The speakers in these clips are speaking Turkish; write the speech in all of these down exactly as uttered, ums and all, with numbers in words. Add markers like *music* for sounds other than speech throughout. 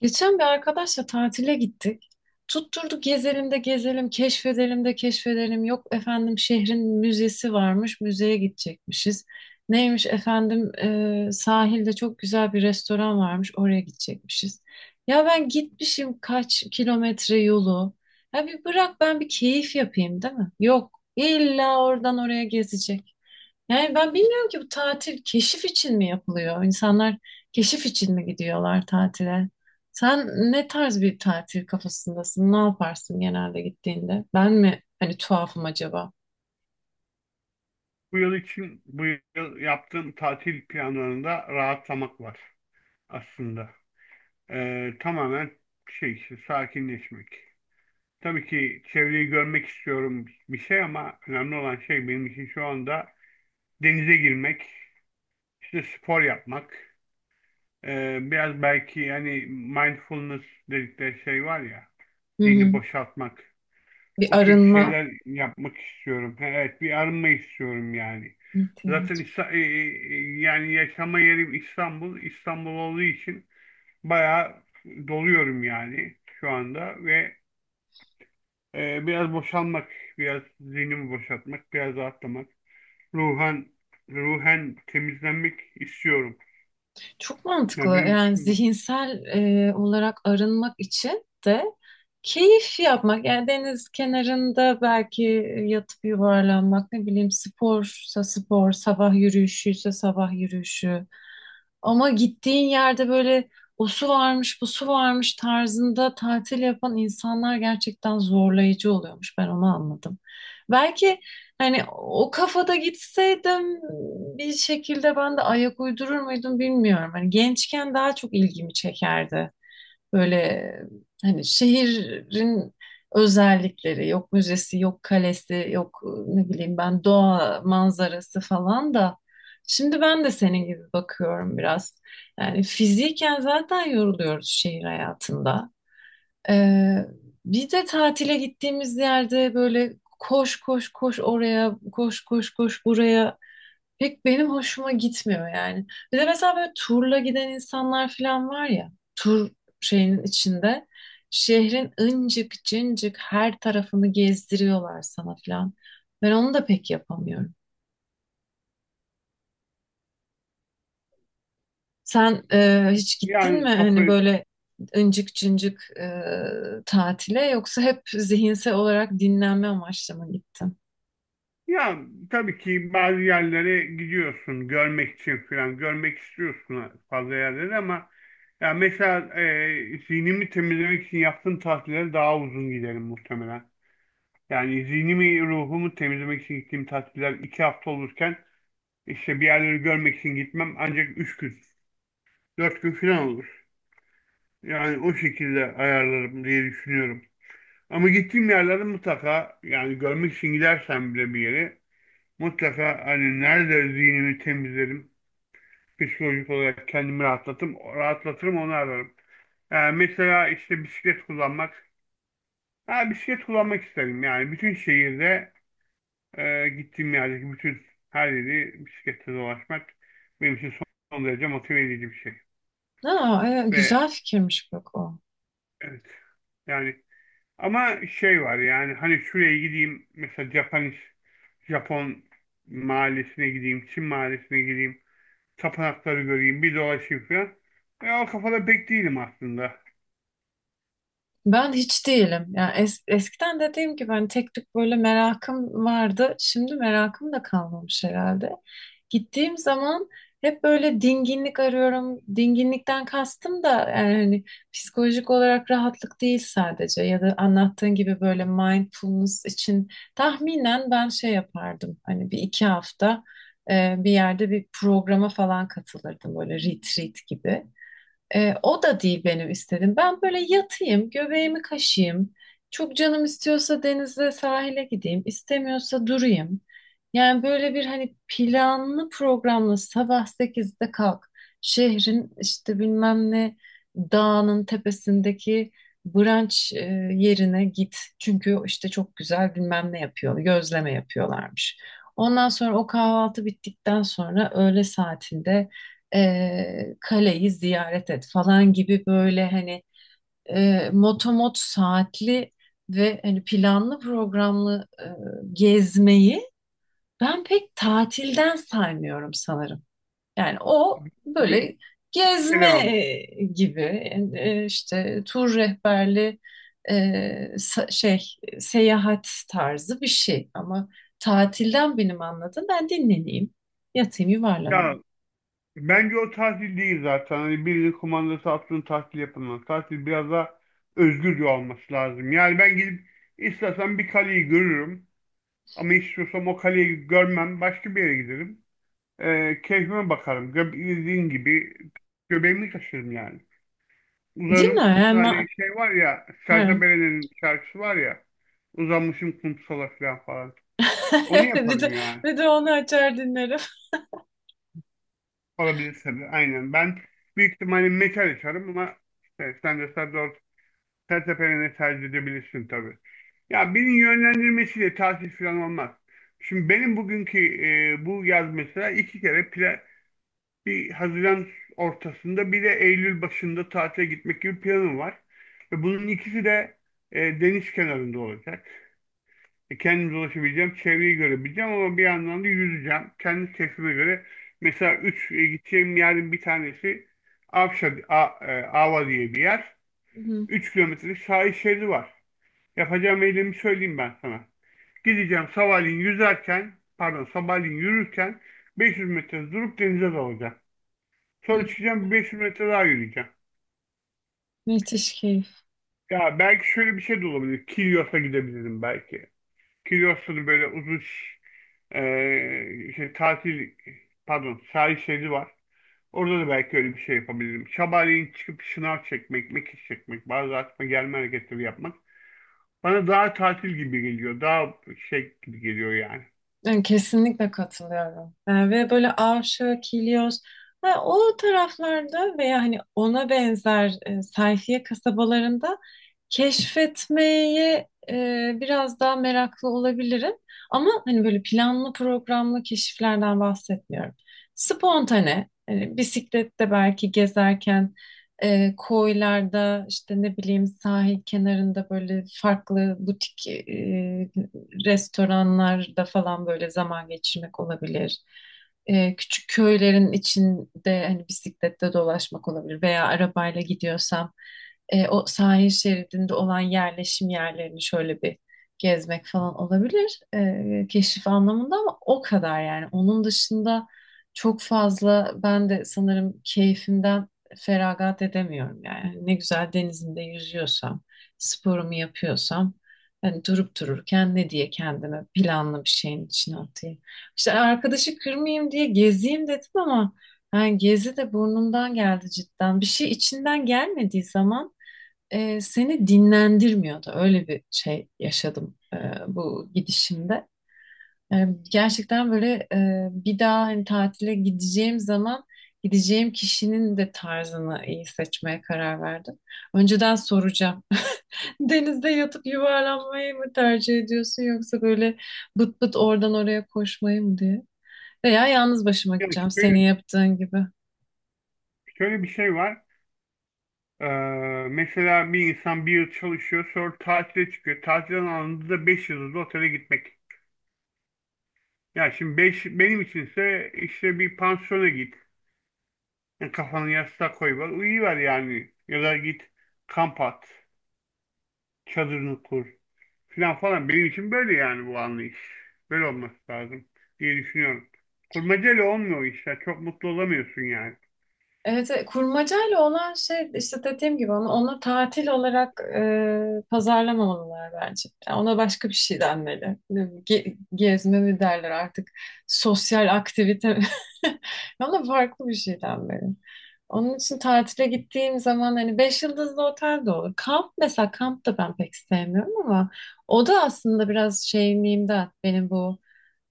Geçen bir arkadaşla tatile gittik. Tutturduk gezelim de gezelim, keşfedelim de keşfedelim. Yok efendim şehrin müzesi varmış, müzeye gidecekmişiz. Neymiş efendim, e, sahilde çok güzel bir restoran varmış, oraya gidecekmişiz. Ya ben gitmişim kaç kilometre yolu. Ya bir bırak ben bir keyif yapayım, değil mi? Yok, illa oradan oraya gezecek. Yani ben bilmiyorum ki bu tatil keşif için mi yapılıyor? İnsanlar keşif için mi gidiyorlar tatile? Sen ne tarz bir tatil kafasındasın? Ne yaparsın genelde gittiğinde? Ben mi hani tuhafım acaba? Bu yıl için bu yıl yaptığım tatil planlarında rahatlamak var aslında. Ee, tamamen şey işte, sakinleşmek. Tabii ki çevreyi görmek istiyorum bir şey ama önemli olan şey benim için şu anda denize girmek, işte spor yapmak. Ee, biraz belki yani mindfulness dedikleri şey var ya, Hı hı. zihni boşaltmak. Bir O tür arınma şeyler yapmak istiyorum. He, evet bir arınma istiyorum yani. Zaten ihtiyacı. İsta- e, e, e, yani yaşama yerim İstanbul. İstanbul olduğu için bayağı doluyorum yani şu anda ve e, biraz boşalmak, biraz zihnimi boşaltmak, biraz rahatlamak, ruhen ruhen temizlenmek istiyorum. Çok Yani mantıklı. benim Yani için bu. zihinsel e, olarak arınmak için de keyif yapmak. Yani deniz kenarında belki yatıp yuvarlanmak, ne bileyim sporsa spor, sabah yürüyüşüyse sabah yürüyüşü. Ama gittiğin yerde böyle o su varmış, bu su varmış tarzında tatil yapan insanlar gerçekten zorlayıcı oluyormuş. Ben onu anladım. Belki hani o kafada gitseydim bir şekilde ben de ayak uydurur muydum bilmiyorum. Hani gençken daha çok ilgimi çekerdi. Böyle hani şehrin özellikleri yok, müzesi yok, kalesi yok, ne bileyim ben doğa manzarası falan da şimdi ben de senin gibi bakıyorum biraz. Yani fiziken zaten yoruluyoruz şehir hayatında. Ee, bir de tatile gittiğimiz yerde böyle koş koş koş oraya, koş koş koş buraya, pek benim hoşuma gitmiyor yani. Bir de mesela böyle turla giden insanlar falan var ya, tur şeyinin içinde şehrin ıncık cıncık her tarafını gezdiriyorlar sana falan. Ben onu da pek yapamıyorum. Sen e, hiç gittin mi Yani kafa. hani böyle ıncık cıncık e, tatile, yoksa hep zihinsel olarak dinlenme amaçlı mı gittin? Ya tabii ki bazı yerlere gidiyorsun görmek için falan. Görmek istiyorsun fazla yerleri ama ya mesela e, zihnimi temizlemek için yaptığım tatiller daha uzun giderim muhtemelen. Yani zihnimi, ruhumu temizlemek için gittiğim tatiller iki hafta olurken işte bir yerleri görmek için gitmem ancak üç gün, dört gün falan olur. Yani o şekilde ayarlarım diye düşünüyorum. Ama gittiğim yerlerde mutlaka yani görmek için gidersem bile bir yere mutlaka hani nerede zihnimi temizlerim. Psikolojik olarak kendimi rahatlatırım, rahatlatırım onu ararım. Yani mesela işte bisiklet kullanmak. Ha, bisiklet kullanmak isterim. Yani bütün şehirde e, gittiğim yerdeki bütün her yeri bisikletle dolaşmak benim için son derece motive edici bir şey. Aa, e, güzel Ve fikirmiş bak o. evet yani ama şey var yani hani şuraya gideyim mesela Japanese Japon mahallesine gideyim, Çin mahallesine gideyim, tapınakları göreyim, bir dolaşayım falan. E, o kafada pek değilim aslında. Ben hiç değilim. Yani es- eskiden dediğim gibi hani tek tük böyle merakım vardı. Şimdi merakım da kalmamış herhalde. Gittiğim zaman hep böyle dinginlik arıyorum. Dinginlikten kastım da yani hani psikolojik olarak rahatlık değil sadece, ya da anlattığın gibi böyle mindfulness için tahminen ben şey yapardım. Hani bir iki hafta e, bir yerde bir programa falan katılırdım, böyle retreat gibi. E, o da değil benim istedim. Ben böyle yatayım, göbeğimi kaşıyım. Çok canım istiyorsa denize, sahile gideyim, istemiyorsa durayım. Yani böyle bir hani planlı programlı sabah sekizde kalk. Şehrin işte bilmem ne dağının tepesindeki brunch e, yerine git. Çünkü işte çok güzel bilmem ne yapıyor, gözleme yapıyorlarmış. Ondan sonra o kahvaltı bittikten sonra öğle saatinde e, kaleyi ziyaret et falan gibi böyle hani e, motomot saatli ve hani planlı programlı e, gezmeyi ben pek tatilden saymıyorum sanırım. Yani o Pek böyle gezme gelemem ona. e, gibi, e, işte tur rehberli, e, sa- şey seyahat tarzı bir şey ama tatilden benim anladığım ben dinleneyim, yatayım, Ya yuvarlanayım. bence o tatil değil zaten. Hani birinin kumandası altında tatil yapılmaz. Tatil biraz daha özgürce olması lazım. Yani ben gidip istersen bir kaleyi görürüm. Ama istiyorsam o kaleyi görmem. Başka bir yere giderim. E, keyfime bakarım. Gö dediğin gibi göbeğimi kaşırım yani. Değil mi? Uzanırım Yani, kumsale ma- şey var ya. he. Serzabele'nin şarkısı var ya. Uzanmışım kumsala falan falan. Onu *laughs* Bir de, yaparım ya. bir de onu açar dinlerim. Olabilir tabii. Aynen. Ben büyük ihtimalle metal açarım ama işte sen de Serdar Serteperen'i tercih edebilirsin tabii. Ya birinin yönlendirmesiyle tatil falan olmaz. Şimdi benim bugünkü e, bu yaz mesela iki kere plan, bir Haziran ortasında bir de Eylül başında tatile gitmek gibi planım var. Ve bunun ikisi de e, deniz kenarında olacak. E, kendim dolaşabileceğim, çevreyi görebileceğim ama bir yandan da yüzeceğim. Kendi keyfime göre. Mesela üç e, gideceğim yerin bir tanesi Avşa, A, e, Ava diye bir yer. Hı hı. Üç kilometrelik sahil şeridi var. Yapacağım eylemi söyleyeyim ben sana. Gideceğim sabahleyin yüzerken, pardon sabahleyin yürürken beş yüz metre durup denize dalacağım. Sonra çıkacağım 500 metre daha yürüyeceğim. Müthiş keyif. Ya belki şöyle bir şey de olabilir. Kilyos'a gidebilirim belki. Kilyoslu'nun böyle uzun e, şey, tatil pardon sahil şeridi var. Orada da belki öyle bir şey yapabilirim. Sabahleyin çıkıp şınav çekmek, mekik çekmek, bazı atma gelme hareketleri yapmak bana daha tatil gibi geliyor. Daha şey gibi geliyor yani. Yani kesinlikle katılıyorum. Yani ve böyle Avşa, Kilyos ha, o taraflarda veya hani ona benzer e, sayfiye kasabalarında keşfetmeye e, biraz daha meraklı olabilirim. Ama hani böyle planlı programlı keşiflerden bahsetmiyorum. Spontane, hani bisiklette belki gezerken e, koylarda, işte ne bileyim sahil kenarında böyle farklı butik e, restoranlarda falan böyle zaman geçirmek olabilir. E, küçük köylerin içinde hani bisikletle dolaşmak olabilir, veya arabayla gidiyorsam e, o sahil şeridinde olan yerleşim yerlerini şöyle bir gezmek falan olabilir e, keşif anlamında, ama o kadar yani. Onun dışında çok fazla ben de sanırım keyfimden feragat edemiyorum yani. Hani ne güzel denizimde yüzüyorsam, sporumu yapıyorsam, hani durup dururken ne diye kendime planlı bir şeyin içine atayım. İşte arkadaşı kırmayayım diye gezeyim dedim ama yani gezi de burnumdan geldi cidden. Bir şey içinden gelmediği zaman e, seni dinlendirmiyordu. Öyle bir şey yaşadım e, bu gidişimde. E, gerçekten böyle, e, bir daha hani tatile gideceğim zaman gideceğim kişinin de tarzını iyi seçmeye karar verdim. Önceden soracağım. Denizde yatıp yuvarlanmayı mı tercih ediyorsun, yoksa böyle bıt bıt oradan oraya koşmayı mı diye? Veya yalnız başıma Yani gideceğim şöyle, senin yaptığın gibi. şöyle bir şey var. Ee, Mesela bir insan bir yıl çalışıyor sonra tatile çıkıyor. Tatilden anında da beş yıldızlı otele gitmek. Yani şimdi beş, benim içinse işte bir pansiyona git. Yani kafanı yastığa koy var. Uyuyiver yani. Ya da git kamp at. Çadırını kur. Falan falan. Benim için böyle yani bu anlayış. Böyle olması lazım diye düşünüyorum. Kurmacayla olmuyor işte. Çok mutlu olamıyorsun yani. Evet, evet, kurmacayla olan şey işte dediğim gibi onu, onu tatil olarak e, pazarlamamalılar bence. Yani ona başka bir şey denmeli. Ge- gezme mi derler artık? Sosyal aktivite mi? *laughs* Ona farklı bir şey denmeli. Onun için tatile gittiğim zaman hani beş yıldızlı otel de olur. Kamp, mesela kamp da ben pek sevmiyorum ama o da aslında biraz şeyimliğimden, benim bu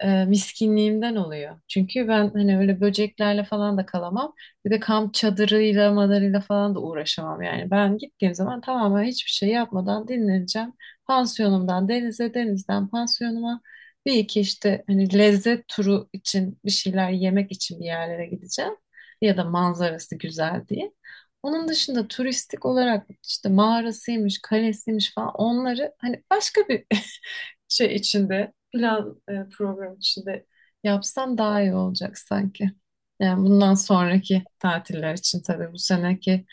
e, miskinliğimden oluyor. Çünkü ben hani öyle böceklerle falan da kalamam. Bir de kamp çadırıyla, madarıyla falan da uğraşamam yani. Ben gittiğim zaman tamamen hiçbir şey yapmadan dinleneceğim. Pansiyonumdan denize, denizden pansiyonuma. Bir iki işte hani lezzet turu için bir şeyler yemek için bir yerlere gideceğim. Ya da manzarası güzel diye. Onun dışında turistik olarak işte mağarasıymış, kalesiymiş falan, onları hani başka bir *laughs* şey içinde, plan e, program içinde yapsam daha iyi olacak sanki. Yani bundan sonraki tatiller için, tabii bu seneki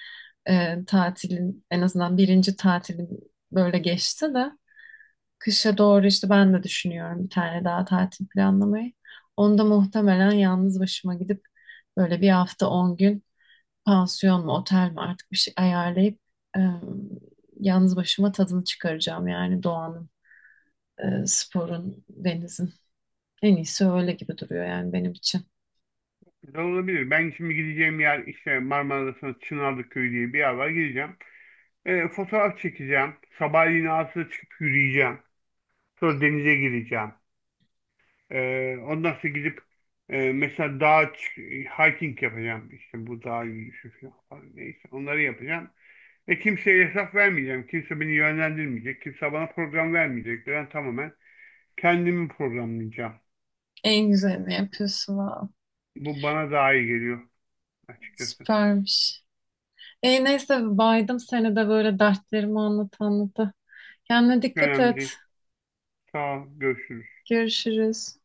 e, tatilin en azından birinci tatilim böyle geçti de kışa doğru işte ben de düşünüyorum bir tane daha tatil planlamayı. Onda muhtemelen yalnız başıma gidip böyle bir hafta on gün pansiyon mu otel mi artık bir şey ayarlayıp e, yalnız başıma tadını çıkaracağım yani doğanın, e, sporun, denizin. En iyisi öyle gibi duruyor yani benim için. Güzel olabilir. Ben şimdi gideceğim yer işte Marmara'da Çınarlı Köyü diye bir yer var. Gideceğim. E, fotoğraf çekeceğim. Sabahleyin ağzına çıkıp yürüyeceğim. Sonra denize gireceğim. Ee, ondan sonra gidip e, mesela dağa çık- hiking yapacağım. İşte bu dağ yürüyüşü falan. Neyse onları yapacağım. Ve kimseye hesap vermeyeceğim. Kimse beni yönlendirmeyecek. Kimse bana program vermeyecek. Ben tamamen kendimi programlayacağım. En güzelini yapıyorsun. Vav. Bu bana daha iyi geliyor açıkçası. Süpermiş. E, neyse baydım seni de böyle dertlerimi anlat anlata. Kendine dikkat Önemli et. değil. Sağ ol. Görüşürüz. Görüşürüz.